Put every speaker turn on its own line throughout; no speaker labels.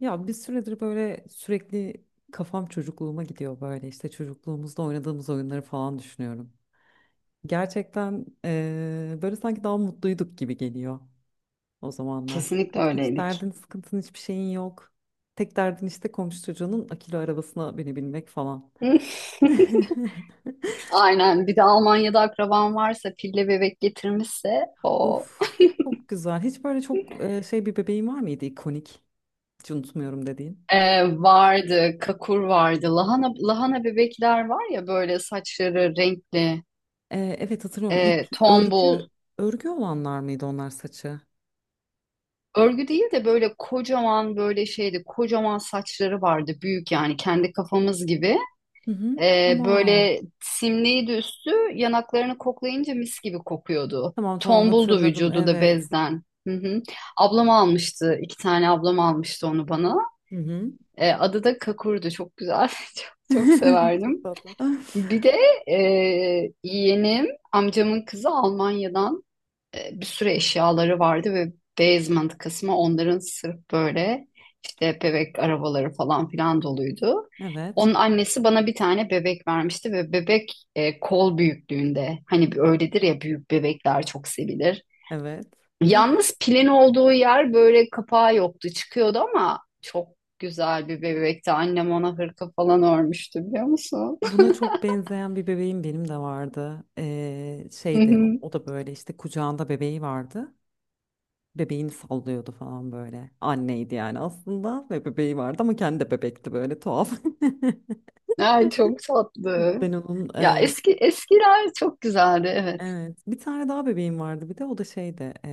Ya bir süredir böyle sürekli kafam çocukluğuma gidiyor, böyle işte çocukluğumuzda oynadığımız oyunları falan düşünüyorum. Gerçekten böyle sanki daha mutluyduk gibi geliyor o zamanlar.
Kesinlikle
Hiç
öyleydik.
derdin, sıkıntın, hiçbir şeyin yok. Tek derdin işte komşu çocuğunun akülü arabasına binebilmek falan.
Aynen. Bir de Almanya'da akraban varsa, pille bebek getirmişse o
Of, çok güzel. Hiç böyle çok şey, bir bebeğin var mıydı ikonik? Hiç unutmuyorum dediğin.
Vardı, kakur vardı. Lahana lahana bebekler var ya böyle saçları renkli,
Evet, hatırlıyorum. İp, örgü,
tombul.
örgü olanlar mıydı onlar saçı?
Örgü değil de böyle kocaman böyle şeydi, kocaman saçları vardı, büyük yani kendi kafamız gibi.
Hı hı. Tamam.
Böyle simliydi üstü, yanaklarını koklayınca mis gibi kokuyordu.
Tamam, tamam,
Tombuldu
hatırladım.
vücudu da
Evet.
bezden. Hı hı. Ablam almıştı, iki tane ablam almıştı onu bana.
Hı hı.
Adı da Kakur'du, çok güzel, çok, çok
Çok
severdim.
tatlı.
Bir de e, yeğenim, amcamın kızı Almanya'dan bir sürü eşyaları vardı ve basement kısmı onların sırf böyle işte bebek arabaları falan filan doluydu.
Evet.
Onun annesi bana bir tane bebek vermişti ve bebek kol büyüklüğünde. Hani bir öyledir ya büyük bebekler çok sevilir.
Evet.
Yalnız pilin olduğu yer böyle kapağı yoktu çıkıyordu ama çok güzel bir bebekti. Annem ona hırka falan örmüştü biliyor musun?
Buna çok benzeyen bir bebeğim benim de vardı.
Hı
Şeydi, o
hı.
o da böyle işte kucağında bebeği vardı. Bebeğini sallıyordu falan böyle. Anneydi yani aslında ve bebeği vardı, ama kendi de bebekti, böyle tuhaf.
Ay çok tatlı.
Ben onun.
Ya eski eskiler çok güzeldi evet.
Evet. Bir tane daha bebeğim vardı, bir de o da şeydi,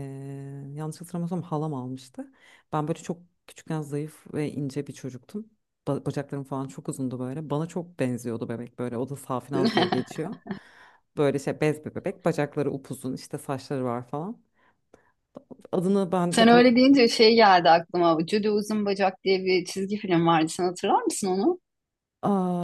yanlış hatırlamıyorsam halam almıştı. Ben böyle çok küçükken zayıf ve ince bir çocuktum. Bacaklarım falan çok uzundu böyle. Bana çok benziyordu bebek böyle. O da Safinaz diye geçiyor. Böyle şey, bez bir bebek. Bacakları upuzun işte, saçları var falan. Adını ben
Sen
de bu...
öyle deyince şey geldi aklıma. Judy Uzun Bacak diye bir çizgi film vardı. Sen hatırlar mısın onu?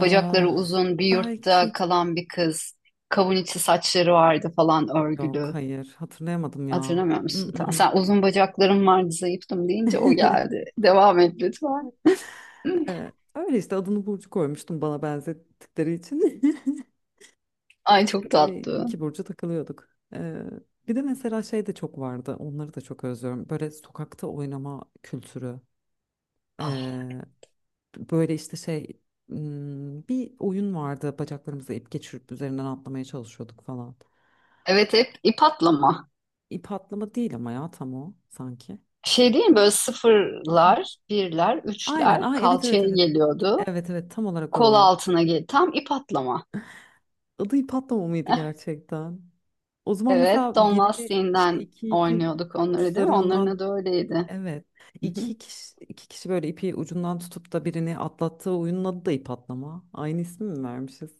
Bacakları uzun, bir yurtta
belki.
kalan bir kız. Kavun içi saçları vardı falan
Yok,
örgülü.
hayır, hatırlayamadım ya.
Hatırlamıyor musun? Tamam.
Mm-mm.
Sen uzun bacaklarım vardı, zayıftım deyince o geldi. Devam et lütfen.
Evet, öyle işte adını Burcu koymuştum bana benzettikleri için.
Ay çok
Böyle
tatlı.
iki burcu takılıyorduk. Ee, Bir de mesela şey de çok vardı. Onları da çok özlüyorum. Böyle sokakta oynama kültürü.
Ah.
Ee, Böyle işte şey, bir oyun vardı. Bacaklarımıza ip geçirip üzerinden atlamaya çalışıyorduk falan.
Evet hep ip atlama.
İp atlama değil ama ya, tam o sanki.
Şey değil mi böyle sıfırlar, birler,
Aynen.
üçler
Aa, evet, evet,
kalçaya
evet.
geliyordu.
Evet, evet, tam olarak o
Kol
oyun.
altına gel. Tam ip atlama.
Adı ip atlama mıydı gerçekten? O zaman
Evet,
mesela
Don
birini işte
Lastiği'nden
iki ipi
oynuyorduk onları değil mi? Onların
uçlarından.
adı öyleydi.
Evet.
Hı hı.
İki kişi, iki kişi böyle ipi ucundan tutup da birini atlattığı oyunun adı da ip atlama. Aynı ismi mi vermişiz?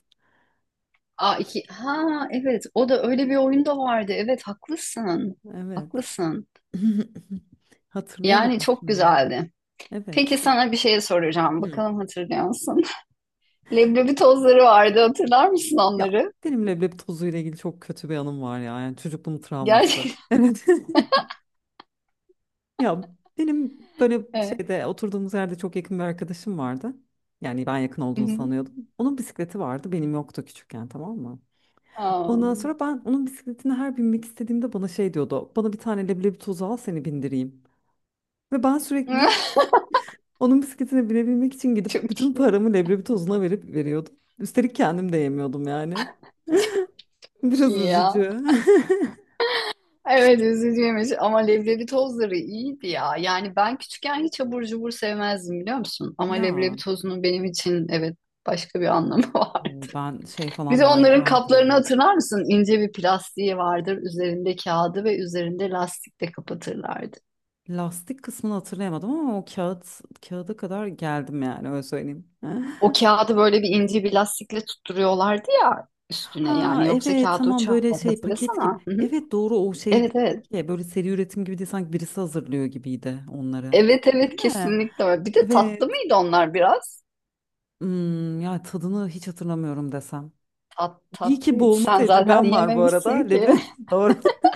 Aa, iki... Ha evet o da öyle bir oyun da vardı. Evet haklısın.
Evet.
Haklısın. Yani
Hatırlayamadım
çok
şimdi onu.
güzeldi. Peki
Evet.
sana bir şey soracağım.
Hı.
Bakalım hatırlıyor musun? Leblebi tozları vardı. Hatırlar mısın
Ya
onları?
benim leblebi tozuyla ilgili çok kötü bir anım var ya. Yani çocukluğum travması.
Gerçekten.
Evet. Ya benim böyle
Evet.
şeyde oturduğumuz yerde çok yakın bir arkadaşım vardı. Yani ben yakın
Hı
olduğunu
hı.
sanıyordum. Onun bisikleti vardı, benim yoktu küçükken, tamam mı?
Aa.
Ondan sonra ben onun bisikletine her binmek istediğimde bana şey diyordu: bana bir tane leblebi tozu al, seni bindireyim. Ve ben sürekli onun bisikletine binebilmek için gidip
Çok
bütün
iyi,
paramı leblebi tozuna verip veriyordum. Üstelik kendim de yemiyordum yani.
çok
Biraz
iyi ya.
üzücü.
Evet üzücüymüş ama leblebi tozları iyiydi ya. Yani ben küçükken hiç abur cubur sevmezdim biliyor musun? Ama leblebi
Ya
tozunun benim için evet başka bir anlamı var.
o, ben şey
Bir
falan
de onların
manyağıydım ya.
kaplarını hatırlar mısın? İnce bir plastiği vardır. Üzerinde kağıdı ve üzerinde lastikle kapatırlardı.
Lastik kısmını hatırlayamadım ama o kağıt, kağıda kadar geldim yani, öyle söyleyeyim.
O kağıdı böyle bir ince bir lastikle tutturuyorlardı ya üstüne
Ha,
yani yoksa
evet,
kağıdı
tamam,
uçardı
böyle şey paket
hatırlasana.
gibi.
Hı hı.
Evet, doğru, o şey
Evet
değildi
evet.
ki, böyle seri üretim gibi değil, sanki birisi hazırlıyor gibiydi onları.
Evet
Değil
evet
mi?
kesinlikle öyle. Bir de tatlı
Evet.
mıydı onlar biraz?
Ya tadını hiç hatırlamıyorum desem. İyi ki
Tatlıydı.
boğulma
Sen zaten
tecrübem var bu arada.
yememişsin ki.
Leblebi. Doğru.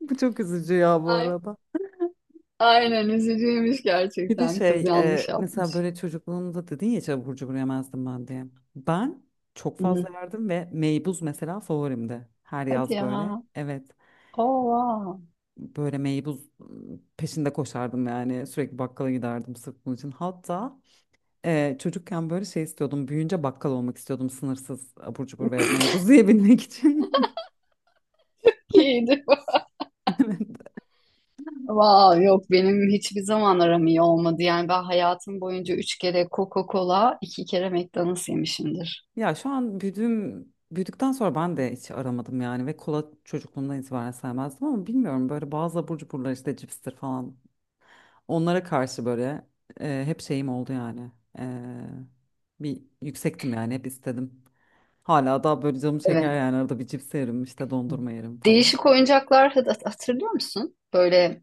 Bu çok üzücü ya bu
Ay.
arada.
Aynen üzücüymüş
Bir de
gerçekten. Kız
şey,
yanlış
mesela,
yapmış.
böyle çocukluğunda dedin ya, hiç abur cubur yemezdim ben diye. Ben çok
Hı
fazla
hı.
yerdim ve meybuz mesela favorimdi. Her
Hadi
yaz
ya.
böyle. Evet.
Oo, wow.
Böyle meybuz peşinde koşardım yani, sürekli bakkala giderdim sırf bunun için. Hatta çocukken böyle şey istiyordum, büyüyünce bakkal olmak istiyordum sınırsız abur cubur ve meybuz yiyebilmek için.
İyiydi.
Evet.
Wow, yok benim hiçbir zaman aram iyi olmadı. Yani ben hayatım boyunca üç kere Coca-Cola, iki kere McDonald's yemişimdir.
Ya şu an büyüdükten sonra ben de hiç aramadım yani, ve kola çocukluğumdan itibaren sevmezdim, ama bilmiyorum böyle bazı abur cuburlar işte cipstir falan, onlara karşı böyle hep şeyim oldu yani. E, Bir yüksektim yani, hep istedim. Hala daha böyle canım çeker
Evet.
yani, arada bir cips yerim işte, dondurma yerim falan.
Değişik oyuncaklar hatırlıyor musun? Böyle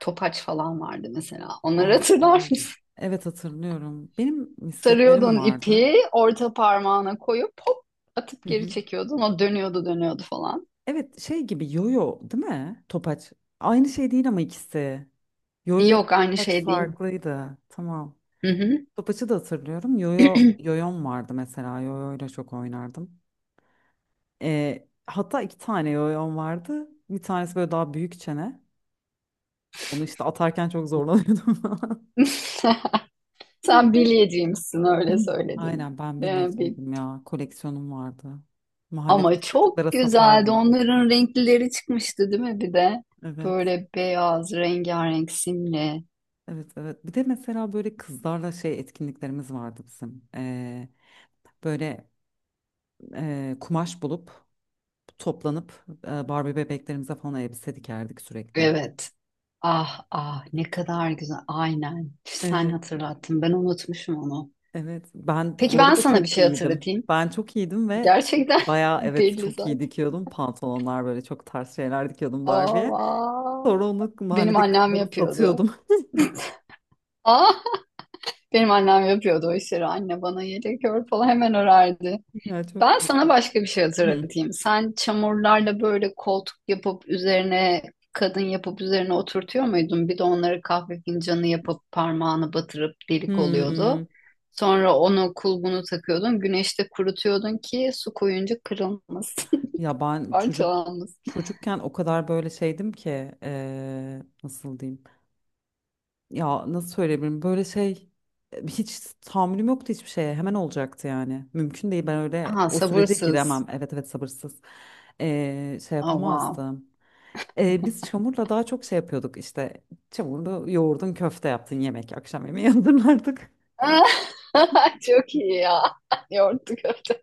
topaç falan vardı mesela. Onları
Aa,
hatırlar
evet. Evet, hatırlıyorum. Benim misketlerim
Sarıyordun
vardı.
ipi, orta parmağına koyup hop atıp
Hı
geri
hı.
çekiyordun. O dönüyordu dönüyordu falan.
Evet, şey gibi, yoyo değil mi? Topaç. Aynı şey değil ama ikisi. Yoyo ile
Yok aynı
topaç
şey değil.
farklıydı. Tamam.
Hı hı.
Topaçı da hatırlıyorum. Yoyom vardı mesela. Yoyo ile çok oynardım. Hatta iki tane yoyom vardı. Bir tanesi böyle daha büyük çene. Onu işte atarken çok zorlanıyordum.
Sen
Falan.
bilyeciymişsin öyle söyledim.
Aynen, ben
Ee, bil-
binniciydim ya. Koleksiyonum vardı.
Ama
Mahalledeki
çok
çocuklara
güzeldi.
satardım.
Onların renklileri çıkmıştı değil mi bir de?
Evet.
Böyle beyaz, rengarenk simli.
Evet, evet. Bir de mesela böyle kızlarla şey etkinliklerimiz vardı bizim. Böyle, kumaş bulup toplanıp, Barbie bebeklerimize falan elbise dikerdik sürekli.
Evet. Ah ah ne kadar güzel. Aynen. Sen
Evet,
hatırlattın. Ben unutmuşum onu.
evet. Ben
Peki
bu
ben
arada
sana bir
çok
şey
iyiydim.
hatırlatayım.
Ben çok iyiydim ve
Gerçekten
bayağı, evet,
belli
çok iyi
zaten.
dikiyordum. Pantolonlar böyle, çok tarz şeyler dikiyordum Barbie'ye.
Aa,
Sonra onu
benim
mahalledeki
annem
kızlara
yapıyordu.
satıyordum.
Aa, benim annem yapıyordu o işleri. Anne bana yelek ör falan hemen örerdi.
Ya, çok
Ben sana
tatlı.
başka bir şey
Hı.
hatırlatayım. Sen çamurlarla böyle koltuk yapıp üzerine kadın yapıp üzerine oturtuyor muydun? Bir de onları kahve fincanı yapıp parmağını batırıp delik oluyordu.
Hmm.
Sonra onu kulbunu takıyordun. Güneşte kurutuyordun ki su koyunca kırılmasın,
Ya ben çocuk
parçalanmasın.
çocukken o kadar böyle şeydim ki, nasıl diyeyim? Ya nasıl söyleyebilirim? Böyle şey, hiç tahammülüm yoktu hiçbir şeye. Hemen olacaktı yani. Mümkün değil. Ben öyle
Ha
o sürece
sabırsız.
giremem. Evet, evet, sabırsız. Şey
Oh, wow.
yapamazdım. Biz çamurla daha çok şey yapıyorduk işte. Çamurlu yoğurdun köfte yaptın yemek. Akşam yemeği hazırlardık.
Çok iyi ya. Yoğurtlu köfte.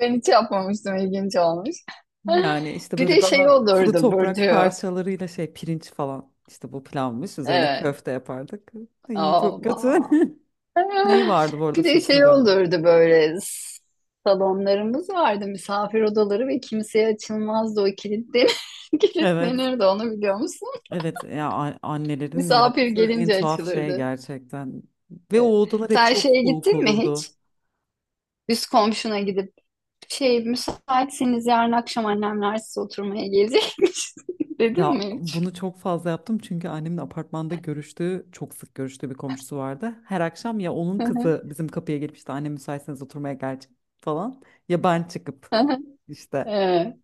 Ben hiç yapmamıştım. İlginç olmuş.
Yani işte
Bir
böyle
de
daha
şey
kuru
olurdu
toprak
burcu.
parçalarıyla şey pirinç falan işte bu pilavmış, üzerine
Evet.
köfte yapardık. İyi, çok kötü.
Allah.
Ney vardı bu arada,
Bir de
sözünü
şey
böldüm.
olurdu böyle salonlarımız vardı misafir odaları ve kimseye açılmazdı o kilitlenir,
Evet.
kilitlenirdi onu biliyor musun?
Evet ya, annelerin
Misafir
yaptığı en
gelince
tuhaf şey
açılırdı.
gerçekten. Ve o
Evet.
odalar hep
Sen
çok
şeye
soğuk
gittin mi hiç?
olurdu.
Üst komşuna gidip Şey, müsaitseniz yarın akşam annemler size oturmaya gelecekmiş. Dedin
Ya
mi hiç?
bunu çok fazla yaptım çünkü annemin apartmanda görüştüğü, çok sık görüştüğü bir komşusu vardı. Her akşam ya onun
Hı
kızı bizim kapıya gelip işte, anne müsaitseniz oturmaya gelecek falan, ya ben çıkıp işte.
Ee,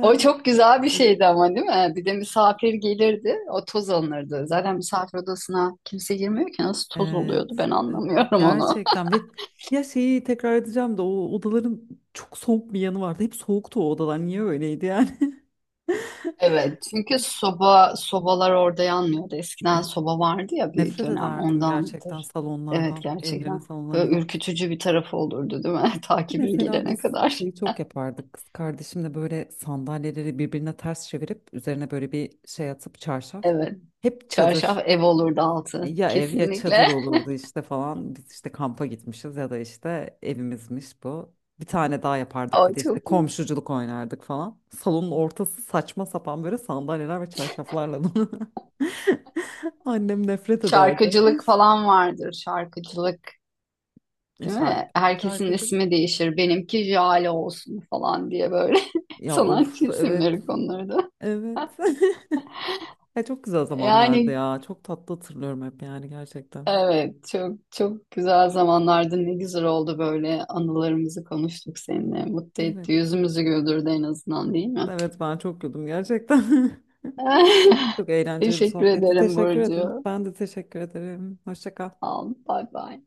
o çok güzel bir
Evet.
şeydi ama değil mi? Bir de misafir gelirdi, o toz alınırdı. Zaten misafir odasına kimse girmiyor ki nasıl toz
Evet.
oluyordu ben
e,
anlamıyorum onu.
Gerçekten, ve ya, şeyi tekrar edeceğim de, o odaların çok soğuk bir yanı vardı. Hep soğuktu o odalar. Niye öyleydi yani?
Evet, çünkü sobalar orada yanmıyordu. Eskiden soba vardı ya bir
Nefret
dönem
ederdim gerçekten
ondandır. Evet
salonlardan, evlerin
gerçekten. Böyle
salonlarından.
ürkütücü bir tarafı olurdu değil mi? Ta bir
Mesela
gelene
biz
kadar.
şeyi çok yapardık. Kız kardeşimle böyle sandalyeleri birbirine ters çevirip üzerine böyle bir şey atıp, çarşaf.
Evet.
Hep
Çarşaf
çadır.
ev olurdu altı.
Ya ev ya çadır
Kesinlikle.
olurdu işte falan. Biz işte kampa gitmişiz ya da işte evimizmiş bu. Bir tane daha yapardık, bir
O
de işte
çok iyi.
komşuculuk oynardık falan. Salonun ortası saçma sapan böyle sandalyeler ve çarşaflarla dolu. Annem nefret ederdi.
Şarkıcılık falan vardır. Şarkıcılık,
E,
değil
Şar
mi? Herkesin
şarkıcı.
ismi değişir. Benimki Jale olsun falan diye böyle
Ya
sanatçı
of, evet.
isimleri konulurdu.
Evet. Ya çok güzel zamanlardı
Yani
ya. Çok tatlı hatırlıyorum hep yani, gerçekten.
evet çok çok güzel zamanlardı. Ne güzel oldu böyle anılarımızı konuştuk
Hı.
seninle. Mutlu
Evet.
etti. Yüzümüzü güldürdü en azından değil mi?
Evet, ben çok güldüm gerçekten. Çok eğlenceli bir
Teşekkür
sohbetti.
ederim
Teşekkür ederim.
Burcu.
Ben de teşekkür ederim. Hoşça kal.
Al, bye bye.